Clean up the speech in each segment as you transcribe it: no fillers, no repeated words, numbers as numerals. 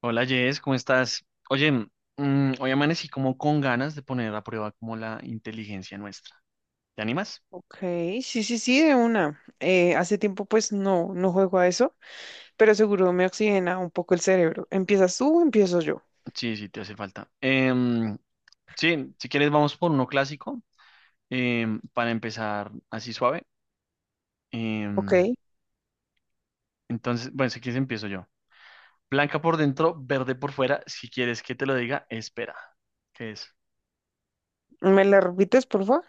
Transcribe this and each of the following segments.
Hola Jess, ¿cómo estás? Oye, hoy amanecí como con ganas de poner a prueba como la inteligencia nuestra. ¿Te animas? Ok, sí, sí, sí, de una. Hace tiempo pues no, no juego a eso, pero seguro me oxigena un poco el cerebro. ¿Empiezas tú o empiezo yo? Sí, sí, te hace falta. Sí, si quieres vamos por uno clásico para empezar así suave. Ok, Em, entonces, bueno, si quieres empiezo yo. Blanca por dentro, verde por fuera. Si quieres que te lo diga, espera. ¿Qué es? ¿me la repites, por favor?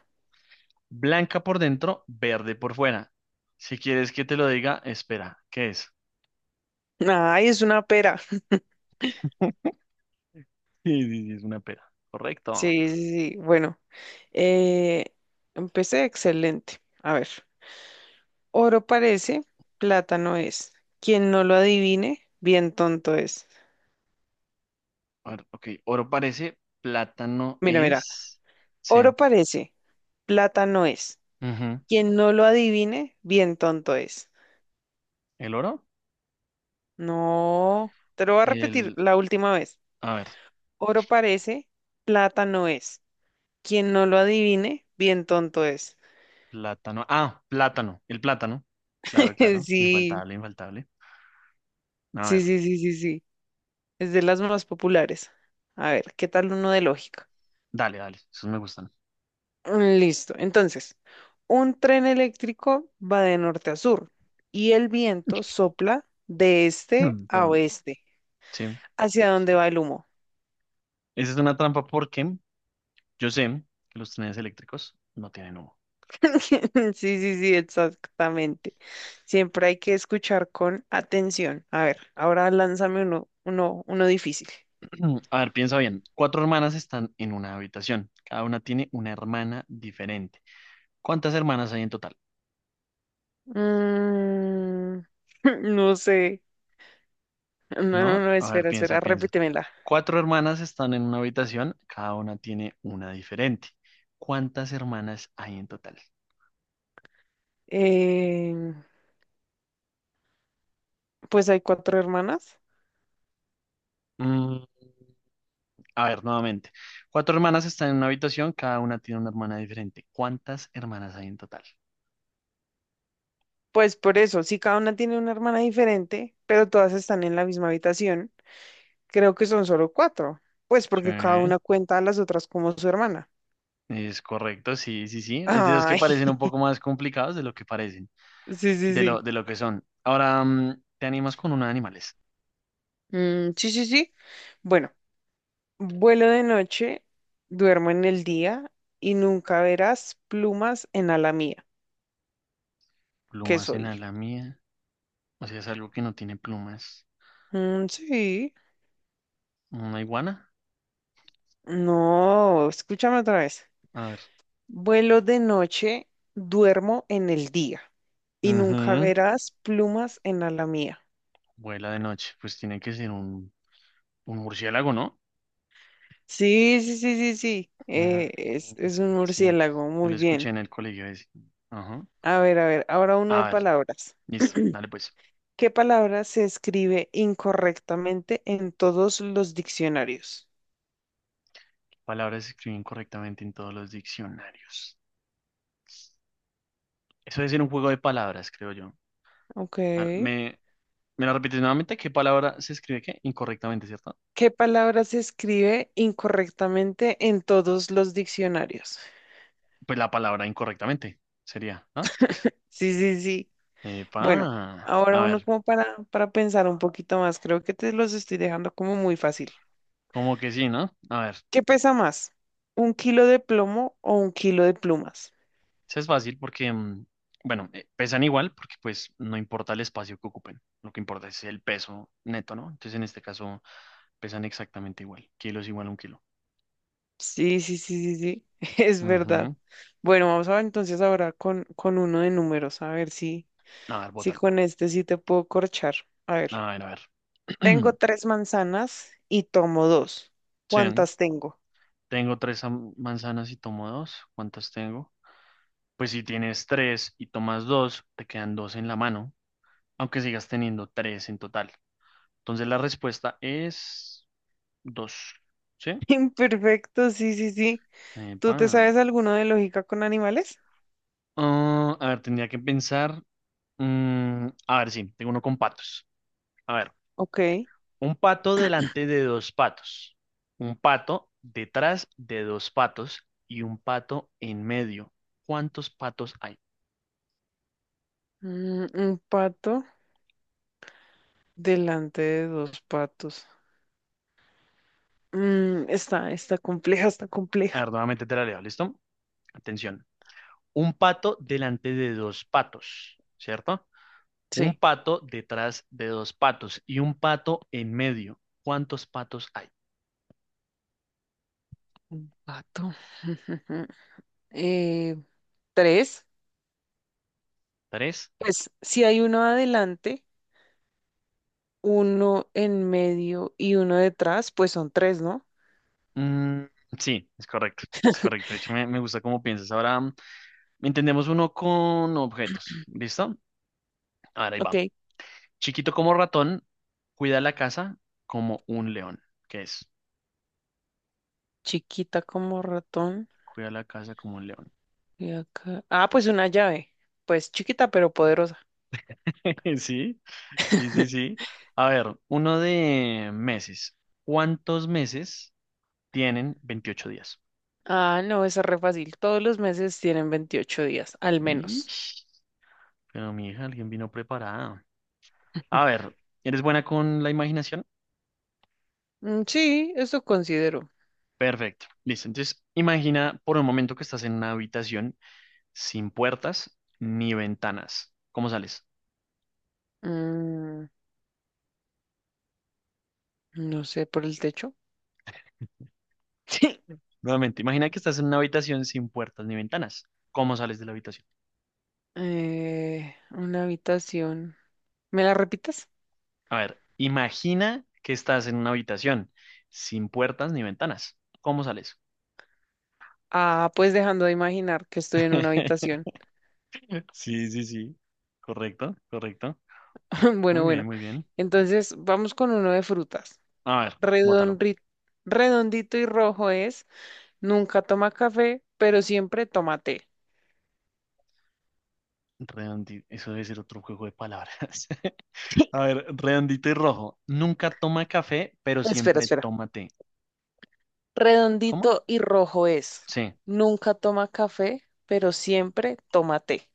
Blanca por dentro, verde por fuera. Si quieres que te lo diga, espera. ¿Qué es? Ay, es una pera. Sí, sí, sí, es una pera. Correcto. Sí, sí, sí. Bueno, eh, empecé excelente. A ver, oro parece, plata no es. Quien no lo adivine, bien tonto es. Ok, oro parece, plátano Mira, mira, es. Sí. oro parece, plata no es. Ujú. Quien no lo adivine, bien tonto es. ¿El oro? No, te lo voy a repetir El. la última vez. A ver, Oro parece, plata no es. Quien no lo adivine, bien tonto es. plátano. Ah, plátano. El plátano. Claro, claro. Sí, Infaltable, infaltable. A sí, ver, sí, sí, sí, sí. Es de las más populares. A ver, ¿qué tal uno de lógica? dale, dale. Esos me gustan. Mm, listo. Entonces, un tren eléctrico va de norte a sur y el viento sopla de este Mm, a perdón. oeste. Sí. ¿Hacia dónde va el humo? Esa es una trampa porque yo sé que los trenes eléctricos no tienen humo. Sí, sí, sí, exactamente. Siempre hay que escuchar con atención. A ver, ahora lánzame uno difícil. A ver, piensa bien. Cuatro hermanas están en una habitación. Cada una tiene una hermana diferente. ¿Cuántas hermanas hay en total? Mm, no sé. No, no, ¿No? no, A ver, espera, piensa, espera, piensa. repítemela. Cuatro hermanas están en una habitación, cada una tiene una diferente. ¿Cuántas hermanas hay en total? Eh, pues hay cuatro hermanas. Mm, a ver, nuevamente. Cuatro hermanas están en una habitación, cada una tiene una hermana diferente. ¿Cuántas hermanas hay en total? Pues por eso, si cada una tiene una hermana diferente, pero todas están en la misma habitación, creo que son solo cuatro. Pues porque cada Sí, una cuenta a las otras como su hermana. es correcto, sí, sí, sí. Es de los que Ay, parecen un poco más complicados de lo que parecen, sí, sí, sí. De lo que son. Ahora, te animas con una de animales. Mm, sí, sí, sí. Bueno, vuelo de noche, duermo en el día y nunca verás plumas en ala mía. ¿Qué Plumas soy? en la mía. O sea, es algo que no tiene plumas. Mm, sí. ¿Una iguana? No, escúchame otra vez. A ver. Vuelo de noche, duermo en el día y nunca Ujú. verás plumas en ala mía. Vuela de noche, pues tiene que ser un murciélago, ¿no? Sí, sí, sí, sí, sí. Mm, Es un sí, murciélago, yo lo muy escuché bien. en el colegio ese. Ajá. A ver, ahora uno de A ver, palabras. listo, dale pues. ¿Qué palabra se escribe incorrectamente en todos los diccionarios? Palabras se escriben correctamente en todos los diccionarios. Eso debe ser un juego de palabras, creo yo. Ok. A ver, ¿me la repites nuevamente? ¿Qué palabra se escribe qué? Incorrectamente, ¿cierto? ¿Qué palabra se escribe incorrectamente en todos los diccionarios? Pues la palabra incorrectamente sería, ¿no? Sí, sí, sí. Epa. Bueno, A ahora uno ver, como para pensar un poquito más. Creo que te los estoy dejando como muy fácil. como que sí, ¿no? A ver. ¿Qué pesa más? ¿Un kilo de plomo o un kilo de plumas? Eso es fácil porque, bueno, pesan igual porque pues no importa el espacio que ocupen, lo que importa es el peso neto, ¿no? Entonces en este caso pesan exactamente igual, kilo es igual a un kilo. Sí, sí, sí, sí, sí. Es verdad. Ujú. Bueno, vamos a ver entonces ahora con uno de números, a ver si... A ver, Sí, bótalo. con este sí te puedo corchar. A A ver, ver, a ver. tengo tres manzanas y tomo dos. Sí, ¿Cuántas tengo? tengo tres manzanas y tomo dos. ¿Cuántas tengo? Pues si tienes tres y tomas dos, te quedan dos en la mano, aunque sigas teniendo tres en total. Entonces la respuesta es dos. ¿Sí? Imperfecto, sí, sí, sí. ¿Tú te Epa. sabes alguno de lógica con animales? Ah, a ver, tendría que pensar. Mm, a ver, sí, tengo uno con patos. A ver, Ok. un pato delante de dos patos, un pato detrás de dos patos y un pato en medio. ¿Cuántos patos hay? Un pato delante de dos patos. Está compleja, está A compleja. ver, nuevamente te la leo, ¿listo? Atención. Un pato delante de dos patos, ¿cierto? Un Sí, pato detrás de dos patos y un pato en medio. ¿Cuántos patos hay? un pato. Eh, Tres. ¿Tres? Pues si hay uno adelante, uno en medio y uno detrás, pues son tres, ¿no? Mm, sí, es correcto, es correcto. De hecho, me gusta cómo piensas. Ahora. Entendemos uno con objetos. ¿Listo? Ahora ahí Ok. va. Chiquito como ratón, cuida la casa como un león. ¿Qué es? Chiquita como ratón. Cuida la casa como un león. Y acá. Ah, pues una llave. Pues chiquita pero poderosa. Sí, sí, sí, sí. A ver, uno de meses. ¿Cuántos meses tienen 28 días? Ah, no, es re fácil. Todos los meses tienen 28 días, al menos. Ish, pero mi hija, alguien vino preparada. A ver, ¿eres buena con la imaginación? Mm, sí, eso considero. Perfecto. Listo. Entonces, imagina por un momento que estás en una habitación sin puertas ni ventanas. ¿Cómo sales? Mm, no sé, por el techo. Sí. Nuevamente, imagina que estás en una habitación sin puertas ni ventanas. ¿Cómo sales de la habitación? Una habitación. ¿Me la repitas? A ver, imagina que estás en una habitación sin puertas ni ventanas. ¿Cómo sales? Ah, pues dejando de imaginar que estoy en una habitación. Sí, sí, sí. Correcto, correcto. Bueno, Muy bien, bueno. muy bien. Entonces, vamos con uno de frutas. A ver, bótalo. Redonri- Redondito y rojo es. Nunca toma café, pero siempre toma té. Redondito. Eso debe ser otro juego de palabras. A ver, redondito y rojo. Nunca toma café, pero Espera, siempre espera. toma té. ¿Cómo? Redondito y rojo es. Sí. Nunca toma café, pero siempre toma té.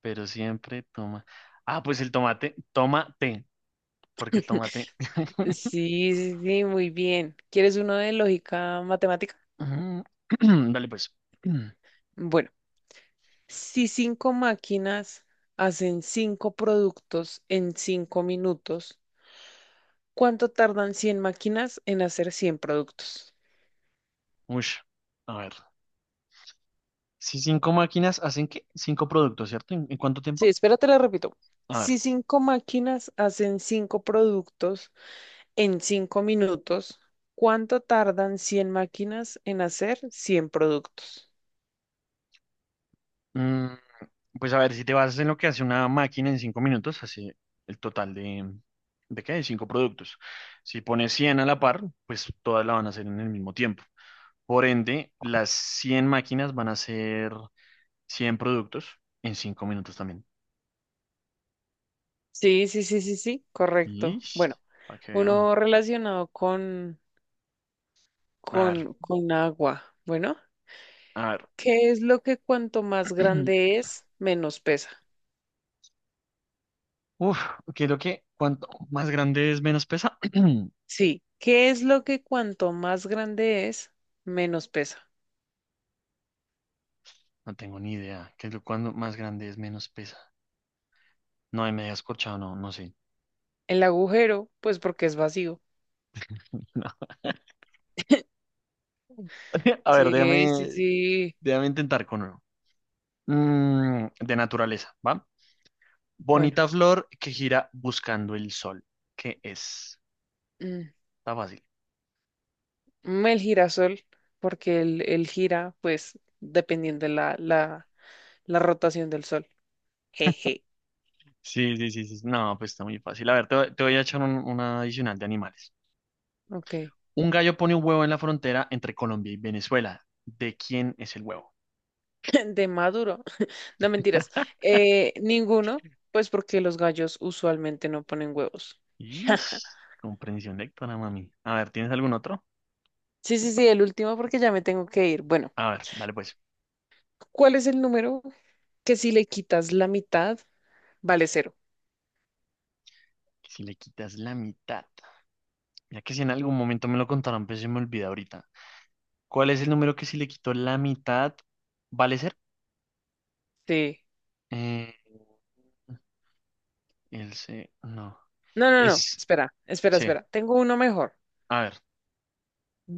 Pero siempre toma. Ah, pues el tomate, toma té, porque tomate. Sí, sí, sí, muy bien. ¿Quieres uno de lógica matemática? Ujú. Dale pues. Bueno, si cinco máquinas hacen cinco productos en 5 minutos, ¿cuánto tardan 100 máquinas en hacer 100 productos? Ush, a ver. Si cinco máquinas hacen qué? Cinco productos, ¿cierto? ¿En cuánto Sí, tiempo? espérate, lo repito. A ver. Si cinco máquinas hacen cinco productos en cinco minutos, ¿cuánto tardan 100 máquinas en hacer 100 productos? Mm, pues a ver, si te basas en lo que hace una máquina en 5 minutos, hace el total ¿de qué? De cinco productos. Si pones 100 a la par, pues todas la van a hacer en el mismo tiempo. Por ende, las 100 máquinas van a hacer 100 productos en 5 minutos también. Sí, sí, sí, sí, sí, correcto. Ish, Bueno, para que vean. uno relacionado con, A ver, con, con agua. Bueno, a ver. ¿qué es lo que cuanto más grande es, menos pesa? Uf, creo que cuanto más grande es, menos pesa. Sí, ¿qué es lo que cuanto más grande es, menos pesa? No tengo ni idea. ¿Qué es lo cuando más grande es, menos pesa? No, ahí me había escorchado, no, no sé. El agujero, pues porque es vacío. No. A ver, Sí, sí, déjame, sí. déjame intentar con uno. De naturaleza, ¿va? Bueno. Bonita flor que gira buscando el sol. ¿Qué es? mm, Está fácil. El girasol, porque el gira, pues, dependiendo de la rotación del sol. Jeje. Sí, sí, sí, sí. No, pues está muy fácil. A ver, te voy a echar una adicional de animales. Ok. Un gallo pone un huevo en la frontera entre Colombia y Venezuela. ¿De quién es el huevo? De Maduro. No mentiras. Ninguno, pues porque los gallos usualmente no ponen huevos. Ish, comprensión lectora, mami. A ver, ¿tienes algún otro? Sí, sí, sí, el último porque ya me tengo que ir. Bueno, A ver, dale pues. ¿cuál es el número que si le quitas la mitad vale cero? Si le quitas la mitad. Ya que si en algún momento me lo contaron, pero se me olvida ahorita. ¿Cuál es el número que si le quito la mitad vale ser? Sí. Eh, el C, no. No, no, no. Es, Espera, espera, sí. espera. Tengo uno mejor. A ver,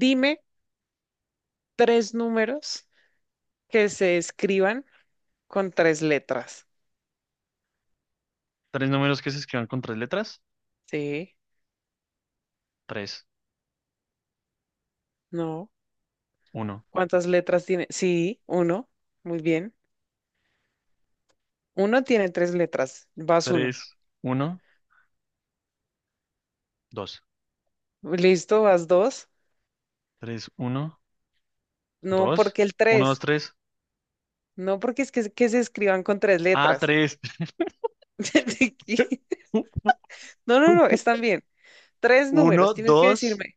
Dime tres números que se escriban. Con tres letras. tres números que se escriban con tres letras. Sí, Tres, no. uno, ¿Cuántas letras tiene? Sí, uno. Muy bien. Uno tiene tres letras. Vas uno. tres, uno, dos. Listo, vas dos. Tres, uno, No, dos. porque el Uno, dos, tres. tres. No, porque es que se escriban con tres Ah, letras. tres. No, no, no, están bien. Tres números, Uno, tienes que dos decirme.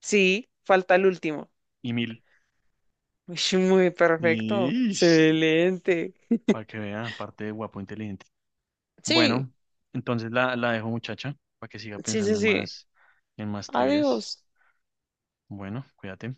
Sí, falta el último. y mil. Ush, muy perfecto. Y Excelente. para que vea, aparte de guapo, inteligente. Sí, Bueno, entonces la dejo, muchacha, para que siga sí, sí, pensando sí. En más Adiós. trivias. Bueno, cuídate.